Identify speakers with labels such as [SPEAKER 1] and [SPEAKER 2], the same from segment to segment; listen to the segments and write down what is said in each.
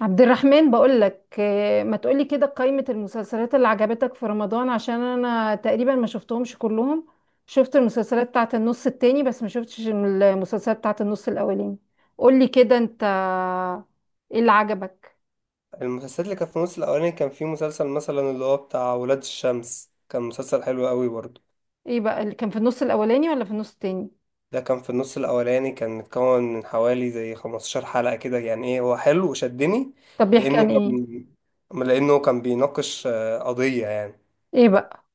[SPEAKER 1] عبد الرحمن بقول لك، ما تقولي كده قائمة المسلسلات اللي عجبتك في رمضان عشان انا تقريبا ما شفتهمش كلهم. شفت المسلسلات بتاعت النص التاني بس ما شفتش المسلسلات بتاعت النص الاولاني. قولي كده انت، ايه اللي عجبك؟
[SPEAKER 2] المسلسلات اللي كانت في الموسم الأولاني كان في مسلسل مثلا اللي هو بتاع ولاد الشمس، كان مسلسل حلو قوي برضه.
[SPEAKER 1] ايه بقى اللي كان في النص الاولاني ولا في النص التاني؟
[SPEAKER 2] ده كان في النص الأولاني، كان متكون من حوالي زي 15 حلقة كده، يعني ايه، هو حلو وشدني
[SPEAKER 1] طب بيحكي
[SPEAKER 2] لأنه
[SPEAKER 1] عن ايه؟
[SPEAKER 2] كان لأنه كان بيناقش قضية يعني،
[SPEAKER 1] ايه بقى؟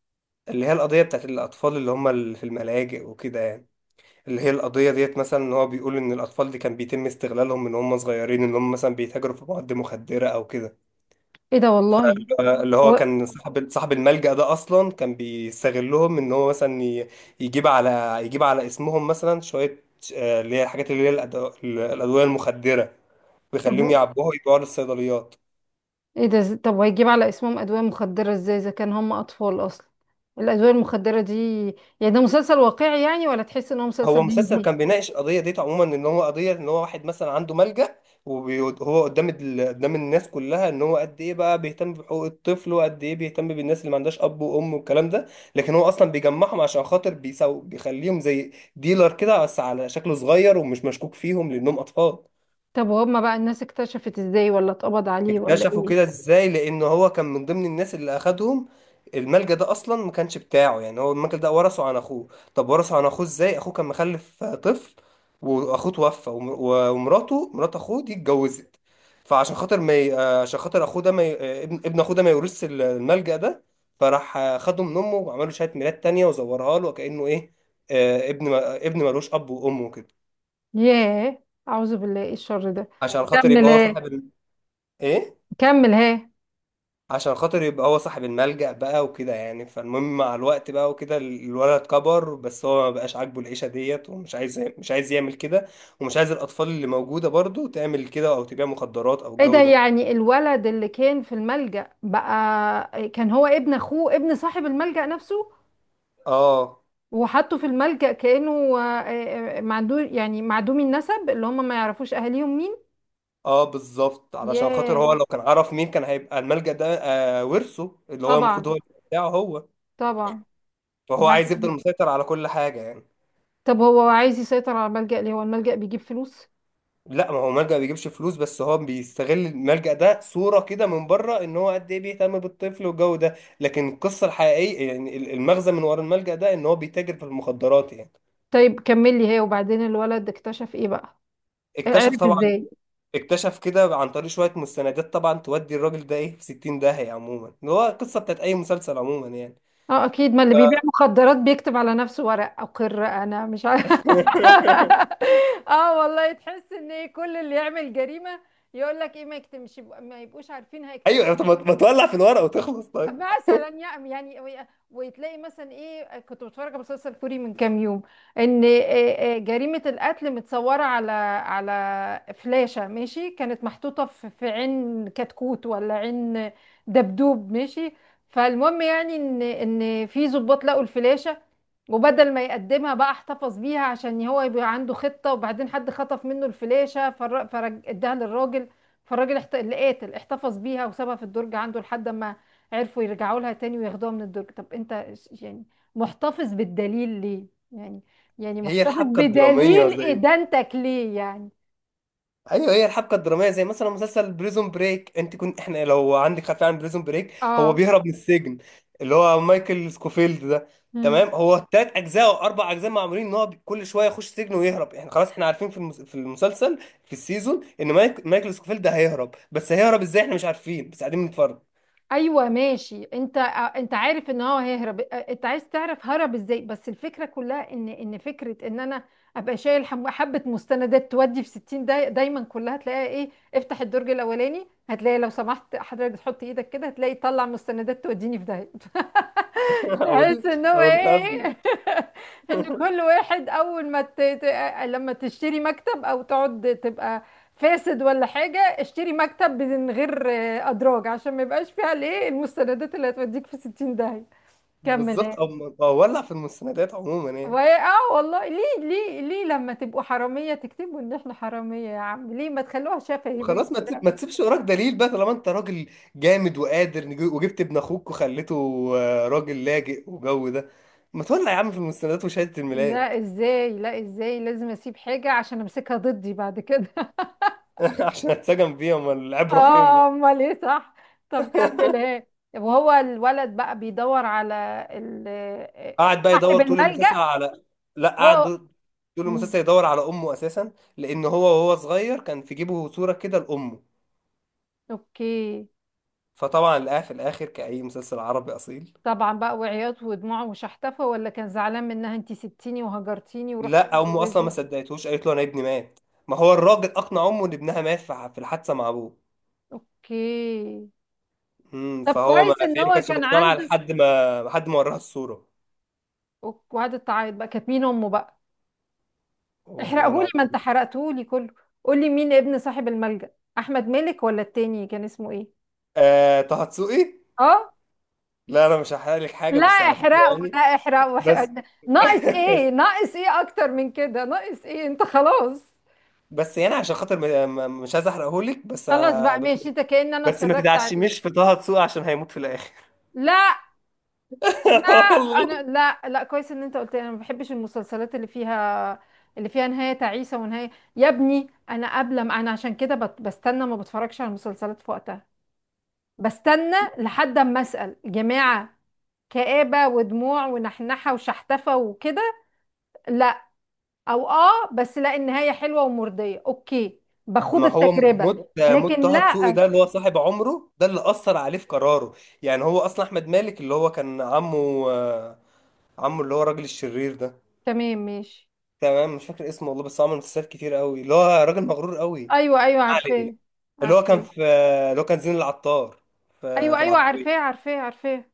[SPEAKER 2] اللي هي القضية بتاعت الأطفال اللي هم اللي في الملاجئ وكده يعني. اللي هي القضية ديت مثلا، إن هو بيقول إن الأطفال دي كان بيتم استغلالهم من هم صغيرين، إن هم مثلا بيتاجروا في مواد مخدرة أو كده.
[SPEAKER 1] ايه ده والله.
[SPEAKER 2] فاللي هو
[SPEAKER 1] هو
[SPEAKER 2] كان صاحب الملجأ ده أصلا كان بيستغلهم، إن هو مثلا يجيب على اسمهم مثلا شوية، اللي هي الحاجات، اللي هي الأدوية المخدرة،
[SPEAKER 1] طب
[SPEAKER 2] ويخليهم يعبوها ويبيعوها للصيدليات.
[SPEAKER 1] ايه ده؟ طب وهيجيب على اسمهم ادوية مخدرة ازاي اذا كان هم اطفال اصلا؟ الادوية المخدرة دي؟ يعني ده مسلسل واقعي يعني، ولا تحس ان هو
[SPEAKER 2] هو
[SPEAKER 1] مسلسل
[SPEAKER 2] مسلسل
[SPEAKER 1] هندي؟
[SPEAKER 2] كان بيناقش القضيه ديت عموما، ان هو قضيه ان هو واحد مثلا عنده ملجأ، وهو قدام قدام الناس كلها ان هو قد ايه بقى بيهتم بحقوق الطفل، وقد ايه بيهتم بالناس اللي ما عندهاش اب وام والكلام ده، لكن هو اصلا بيجمعهم عشان خاطر بيخليهم زي ديلر كده، بس على شكله صغير ومش مشكوك فيهم لانهم اطفال.
[SPEAKER 1] طب وهم بقى، الناس اكتشفت ازاي، ولا اتقبض عليه، ولا
[SPEAKER 2] اكتشفوا
[SPEAKER 1] ايه؟
[SPEAKER 2] كده ازاي لان هو كان من ضمن الناس اللي اخدهم. الملجأ ده اصلا ما كانش بتاعه يعني، هو الملجأ ده ورثه عن اخوه. طب ورثه عن اخوه ازاي؟ اخوه كان مخلف طفل، واخوه توفى ومراته، مرات اخوه دي اتجوزت، فعشان خاطر ما ي... عشان خاطر اخوه ده ما ي... ابن اخوه ده ما يورثش الملجأ ده، فراح خده من امه وعملوا شهادة ميلاد تانية وزورها له كأنه ايه، ابن ما... ابن ملوش اب وام وكده،
[SPEAKER 1] ياه، اعوذ بالله، ايه الشر ده؟
[SPEAKER 2] عشان خاطر
[SPEAKER 1] كمل
[SPEAKER 2] يبقى هو صاحب
[SPEAKER 1] ايه.
[SPEAKER 2] ايه،
[SPEAKER 1] كمل ايه.
[SPEAKER 2] عشان خاطر يبقى هو صاحب الملجأ بقى وكده يعني. فالمهم مع الوقت بقى وكده الولد كبر، بس هو ما بقاش عاجبه العيشة ديت، ومش عايز مش عايز يعمل كده، ومش عايز الأطفال اللي موجودة برضو تعمل كده أو تبيع مخدرات أو
[SPEAKER 1] ايه ده،
[SPEAKER 2] الجو ده.
[SPEAKER 1] يعني الولد اللي كان في الملجأ بقى كان هو ابن اخوه، ابن صاحب الملجأ نفسه؟
[SPEAKER 2] اه،
[SPEAKER 1] وحطه في الملجأ كأنه آه، معدوم، يعني معدومي النسب اللي هم ما يعرفوش اهاليهم مين؟
[SPEAKER 2] اه، بالظبط، علشان خاطر هو
[SPEAKER 1] ياه.
[SPEAKER 2] لو كان عرف مين كان هيبقى الملجأ ده آه ورثه، اللي هو
[SPEAKER 1] طبعا.
[SPEAKER 2] المفروض هو اللي بتاعه هو،
[SPEAKER 1] طبعا.
[SPEAKER 2] فهو عايز يفضل
[SPEAKER 1] وبعدين؟
[SPEAKER 2] مسيطر على كل حاجة يعني.
[SPEAKER 1] طب هو عايز يسيطر على الملجأ ليه؟ هو الملجأ بيجيب فلوس؟
[SPEAKER 2] لا، ما هو ملجأ بيجيبش فلوس، بس هو بيستغل الملجأ ده صورة كده من بره، ان هو قد ايه بيهتم بالطفل والجو ده، لكن القصة الحقيقية يعني، المغزى من ورا الملجأ ده ان هو بيتاجر في المخدرات يعني.
[SPEAKER 1] طيب كمل لي هي، وبعدين الولد اكتشف ايه بقى؟
[SPEAKER 2] اكتشف
[SPEAKER 1] عرف
[SPEAKER 2] طبعا،
[SPEAKER 1] ازاي؟
[SPEAKER 2] اكتشف كده عن طريق شوية مستندات، طبعا تودي الراجل ده ايه في 60 داهية، عموما اللي هو القصة بتاعت اي مسلسل عموما يعني.
[SPEAKER 1] اه اكيد، ما اللي بيبيع مخدرات بيكتب على نفسه ورق اقر انا مش عارف اه والله، تحس ان كل اللي يعمل جريمة يقول لك ايه ما يكتمش، ما يبقوش عارفين هيكتشف.
[SPEAKER 2] ايوه، طب ما تولع في الورقة وتخلص طيب.
[SPEAKER 1] مثلا يعني وتلاقي مثلا، ايه كنت بتفرج على مسلسل كوري من كام يوم. ان آه، جريمة القتل متصورة على على فلاشة، ماشي؟ كانت محطوطة في عين كتكوت ولا عين دبدوب، ماشي؟ فالمهم يعني ان في ضباط لقوا الفلاشة، وبدل ما يقدمها بقى احتفظ بيها عشان هو يبقى عنده خطة، وبعدين حد خطف منه الفلاشة فرج اداها للراجل. فالراجل اللي قاتل احتفظ بيها وسابها في الدرج عنده لحد ما عرفوا يرجعوا لها تاني وياخدوها من الدرج. طب انت يعني محتفظ بالدليل ليه؟ يعني، يعني
[SPEAKER 2] هي
[SPEAKER 1] محتفظ
[SPEAKER 2] الحبكة الدرامية
[SPEAKER 1] بدليل
[SPEAKER 2] زي،
[SPEAKER 1] ادانتك ليه يعني؟
[SPEAKER 2] ايوه، هي الحبكه الدراميه زي مثلا مسلسل بريزون بريك. انت كنت احنا لو عندك خلفيه عن بريزون بريك، هو
[SPEAKER 1] اه.
[SPEAKER 2] بيهرب من السجن، اللي هو مايكل سكوفيلد ده.
[SPEAKER 1] مم.
[SPEAKER 2] تمام، هو 3 اجزاء او 4 اجزاء معمولين ان هو كل شويه يخش سجن ويهرب، احنا خلاص احنا عارفين في المسلسل، في السيزون، ان مايكل سكوفيلد ده هيهرب، بس هيهرب ازاي احنا مش عارفين، بس قاعدين بنتفرج.
[SPEAKER 1] ايوه ماشي. انت عارف ان هو هيهرب، انت عايز تعرف هرب ازاي، بس الفكره كلها ان فكره ان انا ابقى شايل حبه مستندات تودي في 60 دايما كلها تلاقيها ايه، افتح الدرج الاولاني هتلاقي، لو سمحت حضرتك تحط ايدك كده هتلاقي، طلع مستندات توديني في ده.
[SPEAKER 2] او ال-
[SPEAKER 1] تحس ان هو
[SPEAKER 2] او الخزنه.
[SPEAKER 1] ايه ان كل واحد اول ما لما تشتري مكتب او تقعد تبقى فاسد ولا حاجة، اشتري مكتب من غير ادراج عشان ما يبقاش فيها الايه، المستندات اللي هتوديك في 60 داهية. كمل
[SPEAKER 2] بالظبط،
[SPEAKER 1] ايه.
[SPEAKER 2] او ولع في المستندات عموما يعني.
[SPEAKER 1] وهي، اه والله، ليه ليه ليه لما تبقوا حرامية تكتبوا ان احنا حرامية يا عم، ليه ما تخلوها شفهي بيه؟
[SPEAKER 2] خلاص، ما تسيبش وراك دليل بقى، طالما انت راجل جامد وقادر وجبت ابن اخوك وخليته راجل لاجئ وجو ده، ما تولع يا عم في المستندات وشهادة الميلاد.
[SPEAKER 1] لا ازاي، لا ازاي لازم اسيب حاجة عشان امسكها ضدي بعد كده؟
[SPEAKER 2] عشان اتسجن فيها، امال العبرة فين
[SPEAKER 1] اه
[SPEAKER 2] بقى.
[SPEAKER 1] امال ايه، صح. طب كمل ايه. وهو الولد بقى بيدور على
[SPEAKER 2] قعد بقى
[SPEAKER 1] صاحب
[SPEAKER 2] يدور طول المسلسل
[SPEAKER 1] الملجأ؟
[SPEAKER 2] على لا، قعد
[SPEAKER 1] هو.
[SPEAKER 2] طول
[SPEAKER 1] مم.
[SPEAKER 2] المسلسل يدور على امه اساسا، لان هو وهو صغير كان في جيبه صورة كده لامه،
[SPEAKER 1] اوكي.
[SPEAKER 2] فطبعا لقاها في الاخر كأي مسلسل عربي اصيل.
[SPEAKER 1] طبعا بقى، وعياط ودموع وشحتفة، ولا كان زعلان منها انتي سبتيني وهجرتيني ورحتي
[SPEAKER 2] لا، امه اصلا ما
[SPEAKER 1] تتجوزي؟
[SPEAKER 2] صدقتهوش، قالت له انا ابني مات. ما هو الراجل اقنع امه ان ابنها مات في الحادثة مع ابوه.
[SPEAKER 1] اوكي. طب
[SPEAKER 2] فهو ما
[SPEAKER 1] كويس ان
[SPEAKER 2] فاهم
[SPEAKER 1] هو
[SPEAKER 2] كانش
[SPEAKER 1] كان
[SPEAKER 2] مقتنع
[SPEAKER 1] عنده.
[SPEAKER 2] لحد ما وراها الصورة.
[SPEAKER 1] وقعدت تعيط بقى، كانت مين امه بقى؟
[SPEAKER 2] والله
[SPEAKER 1] احرقهولي، ما انت
[SPEAKER 2] العظيم.
[SPEAKER 1] حرقتهولي كله. قولي مين ابن صاحب الملجأ، احمد مالك ولا التاني كان اسمه ايه؟
[SPEAKER 2] آه، طه دسوقي.
[SPEAKER 1] اه.
[SPEAKER 2] لا انا مش هحرق لك حاجة،
[SPEAKER 1] لا
[SPEAKER 2] بس على فكرة
[SPEAKER 1] احرقوا، لا
[SPEAKER 2] يعني،
[SPEAKER 1] احرقوا،
[SPEAKER 2] بس
[SPEAKER 1] ناقص ايه، ناقص ايه اكتر من كده، ناقص ايه انت، خلاص.
[SPEAKER 2] بس يعني عشان خاطر مش عايز احرقه لك، بس
[SPEAKER 1] خلاص
[SPEAKER 2] آه
[SPEAKER 1] بقى
[SPEAKER 2] بس
[SPEAKER 1] ماشي، انت كأن انا
[SPEAKER 2] بس ما
[SPEAKER 1] اتفرجت عليه.
[SPEAKER 2] تدعشميش في طه دسوقي عشان هيموت في الاخر.
[SPEAKER 1] لا. لا. انا،
[SPEAKER 2] والله.
[SPEAKER 1] لا، لا، كويس ان انت قلت لي. انا ما بحبش المسلسلات اللي فيها، اللي فيها نهاية تعيسة، ونهاية. يا ابني انا قبل ما، عشان كده بستنى، ما بتفرجش على المسلسلات في وقتها، بستنى لحد اما اسأل جماعة. كآبة ودموع ونحنحة وشحتفة وكده، لا. او اه بس، لا، النهاية حلوة ومرضية اوكي، باخد
[SPEAKER 2] ما هو
[SPEAKER 1] التجربة.
[SPEAKER 2] موت
[SPEAKER 1] لكن
[SPEAKER 2] طه دسوقي
[SPEAKER 1] لا.
[SPEAKER 2] ده اللي هو صاحب عمره، ده اللي اثر عليه في قراره يعني. هو اصلا احمد مالك، اللي هو كان عمه، اللي هو الراجل الشرير ده.
[SPEAKER 1] تمام ماشي.
[SPEAKER 2] تمام، مش فاكر اسمه والله، بس هو عمل مسلسلات كتير قوي، اللي هو راجل مغرور قوي.
[SPEAKER 1] ايوه، ايوه،
[SPEAKER 2] ما علينا.
[SPEAKER 1] عارفاه،
[SPEAKER 2] اللي هو كان
[SPEAKER 1] عارفاه.
[SPEAKER 2] في اللي هو كان زين العطار في
[SPEAKER 1] ايوه،
[SPEAKER 2] في
[SPEAKER 1] ايوه،
[SPEAKER 2] العطارين.
[SPEAKER 1] عارفاه، عارفاه، عارفاه.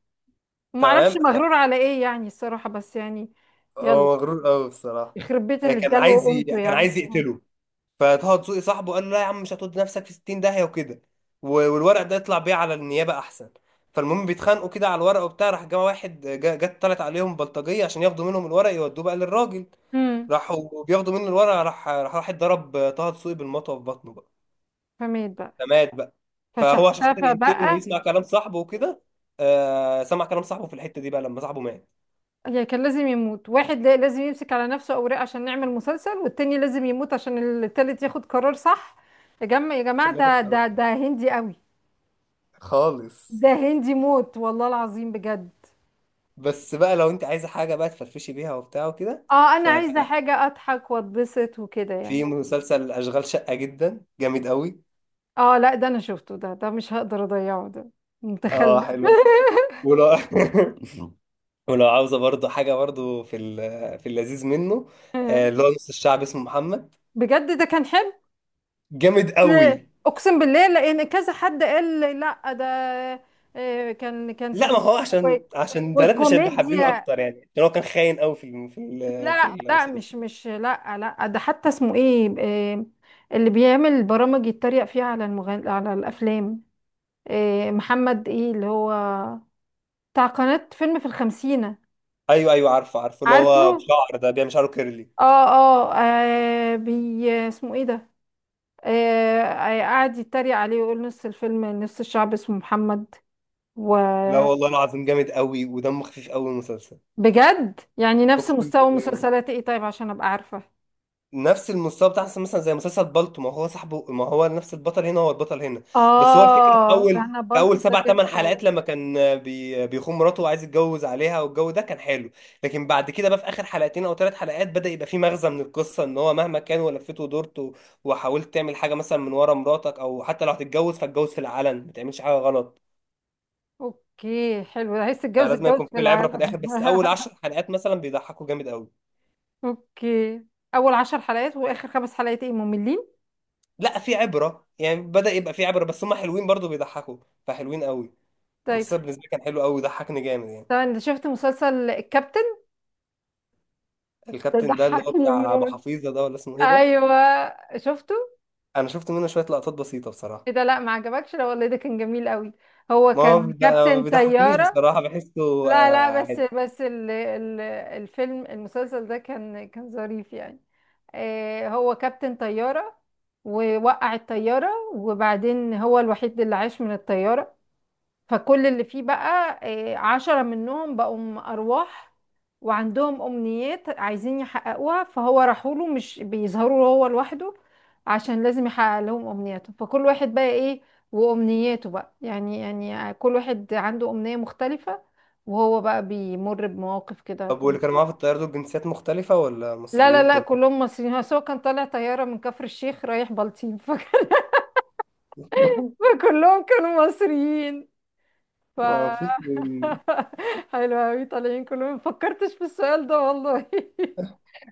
[SPEAKER 1] ما اعرفش
[SPEAKER 2] تمام،
[SPEAKER 1] مغرور على ايه يعني الصراحة، بس يعني. يلا.
[SPEAKER 2] هو مغرور قوي بصراحه.
[SPEAKER 1] يخرب بيت اللي اداله قيمته
[SPEAKER 2] كان
[SPEAKER 1] يعني.
[SPEAKER 2] عايز يقتله. فطه دسوقي صاحبه قال له لا يا عم، مش هتود نفسك في 60 داهيه وكده، والورق ده يطلع بيه على النيابه احسن. فالمهم بيتخانقوا كده على الورق وبتاع، راح جه واحد جت طلعت عليهم بلطجيه عشان ياخدوا منهم الورق يودوه بقى للراجل.
[SPEAKER 1] امم.
[SPEAKER 2] راحوا بياخدوا منه الورق، راح واحد ضرب طه دسوقي بالمطوه في بطنه
[SPEAKER 1] فمات بقى.
[SPEAKER 2] فمات بقى. فهو عشان خاطر
[SPEAKER 1] فشحتفى
[SPEAKER 2] ينتقم
[SPEAKER 1] بقى.
[SPEAKER 2] ويسمع كلام صاحبه وكده، سمع كلام صاحبه في الحتة دي بقى لما صاحبه مات.
[SPEAKER 1] يعني كان لازم يموت واحد، لازم يمسك على نفسه اوراق عشان نعمل مسلسل، والتاني لازم يموت عشان التالت ياخد قرار صح؟ يا جماعة، يا جماعة،
[SPEAKER 2] عشان ياخد
[SPEAKER 1] ده
[SPEAKER 2] قرار
[SPEAKER 1] ده
[SPEAKER 2] صح.
[SPEAKER 1] ده هندي قوي.
[SPEAKER 2] خالص.
[SPEAKER 1] ده هندي موت، والله العظيم بجد.
[SPEAKER 2] بس بقى لو انت عايزة حاجة بقى تفرفشي بيها وبتاع وكده،
[SPEAKER 1] اه انا عايزه
[SPEAKER 2] ففي
[SPEAKER 1] حاجه اضحك واتبسط وكده يعني.
[SPEAKER 2] مسلسل أشغال شقة جدا جامد قوي.
[SPEAKER 1] اه لا ده انا شفته، ده مش هقدر اضيعه ده،
[SPEAKER 2] اه،
[SPEAKER 1] متخلف
[SPEAKER 2] حلو. ولو ولو عاوزة برضو حاجة برضو في اللذيذ منه، اللي هو نص الشعب اسمه محمد،
[SPEAKER 1] بجد ده كان حلو.
[SPEAKER 2] جامد قوي.
[SPEAKER 1] لا، اقسم بالله، لان كذا حد قال لي لا ده كان
[SPEAKER 2] لا،
[SPEAKER 1] سخيف
[SPEAKER 2] ما هو
[SPEAKER 1] و-
[SPEAKER 2] عشان بنات مش هيبقوا حابينه
[SPEAKER 1] والكوميديا.
[SPEAKER 2] اكتر يعني، عشان هو كان خاين قوي في
[SPEAKER 1] لا، لا،
[SPEAKER 2] المسلسل.
[SPEAKER 1] مش لا، لا، ده حتى اسمه ايه، اللي بيعمل برامج يتريق فيها على على الافلام. محمد ايه اللي هو بتاع قناة فيلم في الخمسينة.
[SPEAKER 2] ايوه، ايوه، عارفه، عارفه،
[SPEAKER 1] طبعا
[SPEAKER 2] اللي هو
[SPEAKER 1] عارفه.
[SPEAKER 2] بشعر ده، بيعمل شعره كيرلي.
[SPEAKER 1] اه، اه، اسمه ايه ده؟ قعد يتريق عليه ويقول نص الفيلم، نص الشعب اسمه محمد.
[SPEAKER 2] لا والله
[SPEAKER 1] وبجد،
[SPEAKER 2] العظيم، جامد قوي ودمه خفيف قوي المسلسل.
[SPEAKER 1] يعني نفس
[SPEAKER 2] اقسم
[SPEAKER 1] مستوى
[SPEAKER 2] بالله.
[SPEAKER 1] مسلسلات ايه، طيب عشان ابقى عارفة.
[SPEAKER 2] نفس المستوى بتاع مثلا زي مسلسل بالطو، ما هو صاحبه، ما هو نفس البطل هنا، هو البطل هنا. بس هو الفكره في
[SPEAKER 1] اه
[SPEAKER 2] اول
[SPEAKER 1] انا
[SPEAKER 2] في
[SPEAKER 1] بالطو
[SPEAKER 2] اول
[SPEAKER 1] ده
[SPEAKER 2] سبع ثمان
[SPEAKER 1] جامد أوي.
[SPEAKER 2] حلقات، لما كان بيخون مراته وعايز يتجوز عليها والجو ده كان حلو، لكن بعد كده بقى في اخر حلقتين او 3 حلقات، بدا يبقى في مغزى من القصه، ان هو مهما كان ولفيت ودورت وحاولت تعمل حاجه مثلا من ورا مراتك، او حتى لو هتتجوز فاتجوز في العلن، ما تعملش حاجه غلط.
[SPEAKER 1] اوكي، حلو، ده عايز تتجوز
[SPEAKER 2] فلازم
[SPEAKER 1] اتجوز
[SPEAKER 2] يكون
[SPEAKER 1] في
[SPEAKER 2] في العبره في
[SPEAKER 1] العالم
[SPEAKER 2] الاخر، بس اول 10 حلقات مثلا بيضحكوا جامد قوي.
[SPEAKER 1] اوكي. اول 10 حلقات واخر خمس حلقات ايه، مملين؟
[SPEAKER 2] لا، في عبره يعني، بدا يبقى في عبره، بس هم حلوين برضو بيضحكوا، فحلوين قوي.
[SPEAKER 1] طيب.
[SPEAKER 2] المسلسل بالنسبه لي كان حلو قوي وضحكني جامد يعني.
[SPEAKER 1] طبعا، انت شفت مسلسل الكابتن؟ ده
[SPEAKER 2] الكابتن ده اللي هو
[SPEAKER 1] ضحكني
[SPEAKER 2] بتاع ابو
[SPEAKER 1] موت.
[SPEAKER 2] حفيظه ده، ولا اسمه ايه ده؟
[SPEAKER 1] ايوه شفته.
[SPEAKER 2] انا شفت منه شويه لقطات بسيطه بصراحه.
[SPEAKER 1] ايه ده، لا ما عجبكش؟ لا والله ده كان جميل قوي، هو كان
[SPEAKER 2] ما
[SPEAKER 1] كابتن
[SPEAKER 2] بيضحكنيش
[SPEAKER 1] طيارة.
[SPEAKER 2] بصراحه، بحسه
[SPEAKER 1] لا لا، بس
[SPEAKER 2] عادي.
[SPEAKER 1] بس ال الفيلم، المسلسل ده كان ظريف يعني. هو كابتن طيارة ووقع الطيارة، وبعدين هو الوحيد اللي عاش من الطيارة، فكل اللي فيه بقى 10 منهم بقوا أرواح، وعندهم أمنيات عايزين يحققوها، فهو راحوا له، مش بيظهروا هو لوحده، عشان لازم يحقق لهم أمنياتهم، فكل واحد بقى إيه وأمنياته بقى يعني، يعني كل واحد عنده أمنية مختلفة، وهو بقى بيمر بمواقف كده
[SPEAKER 2] طب واللي كانوا
[SPEAKER 1] كوميدية.
[SPEAKER 2] معاه في الطياره دول جنسيات مختلفه ولا
[SPEAKER 1] لا لا
[SPEAKER 2] مصريين
[SPEAKER 1] لا،
[SPEAKER 2] كلهم؟
[SPEAKER 1] كلهم مصريين، بس هو كان طالع طيارة من كفر الشيخ رايح بلطيم فكلهم كانوا مصريين. ف
[SPEAKER 2] ما فيش،
[SPEAKER 1] حلو أوي طالعين كلهم، مفكرتش في السؤال ده والله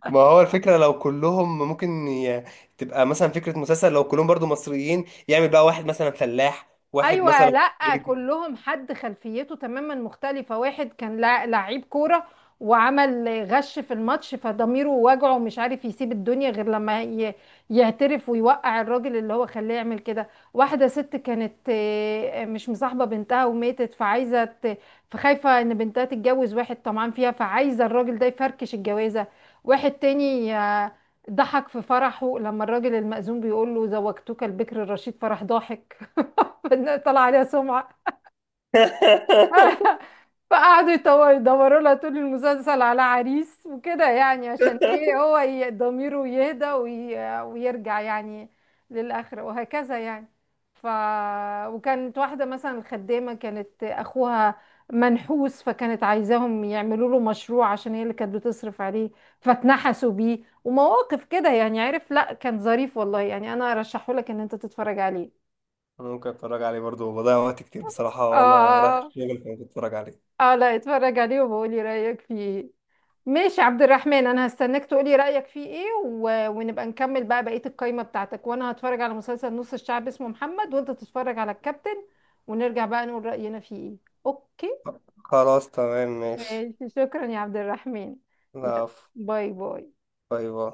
[SPEAKER 2] ما هو الفكره لو كلهم ممكن تبقى مثلا فكره مسلسل لو كلهم برضو مصريين، يعمل بقى واحد مثلا فلاح، واحد
[SPEAKER 1] ايوه،
[SPEAKER 2] مثلا
[SPEAKER 1] لا
[SPEAKER 2] صعيدي.
[SPEAKER 1] كلهم حد خلفيته تماما مختلفه. واحد كان لعيب كوره، وعمل غش في الماتش، فضميره وجعه، مش عارف يسيب الدنيا غير لما يعترف ويوقع الراجل اللي هو خلاه يعمل كده. واحده ست كانت مش مصاحبه بنتها وماتت، فعايزه فخايفه ان بنتها تتجوز واحد طمعان فيها، فعايزه الراجل ده يفركش الجوازه. واحد تاني ضحك في فرحه لما الراجل المأذون بيقول له زوجتك البكر الرشيد، فرح ضاحك، طلع عليها سمعة فقعدوا يدوروا لها طول المسلسل على عريس وكده، يعني عشان ايه هو ضميره يهدى ويرجع يعني للآخرة، وهكذا يعني. ف وكانت واحدة مثلا خدامة، كانت أخوها منحوس، فكانت عايزاهم يعملوا له مشروع عشان هي اللي كانت بتصرف عليه، فاتنحسوا بيه. ومواقف كده يعني، عارف، لا كان ظريف والله يعني، أنا أرشحه لك إن أنت تتفرج عليه.
[SPEAKER 2] ممكن اتفرج عليه برضو، بضيع وقت كتير بصراحه وانا رايح
[SPEAKER 1] آه.
[SPEAKER 2] الشغل، فممكن اتفرج عليه.
[SPEAKER 1] اه لا اتفرج عليه وبقولي رأيك فيه ايه. ماشي عبد الرحمن، انا هستناك تقولي رأيك فيه ايه، ونبقى نكمل بقى بقية القايمة بتاعتك، وانا هتفرج على مسلسل نص الشعب اسمه محمد، وانت تتفرج على الكابتن، ونرجع بقى نقول رأينا فيه ايه. اوكي.
[SPEAKER 2] خلاص، تمام، ماشي.
[SPEAKER 1] ماشي، شكرا يا عبد الرحمن. يلا،
[SPEAKER 2] لا،
[SPEAKER 1] باي باي.
[SPEAKER 2] باي باي.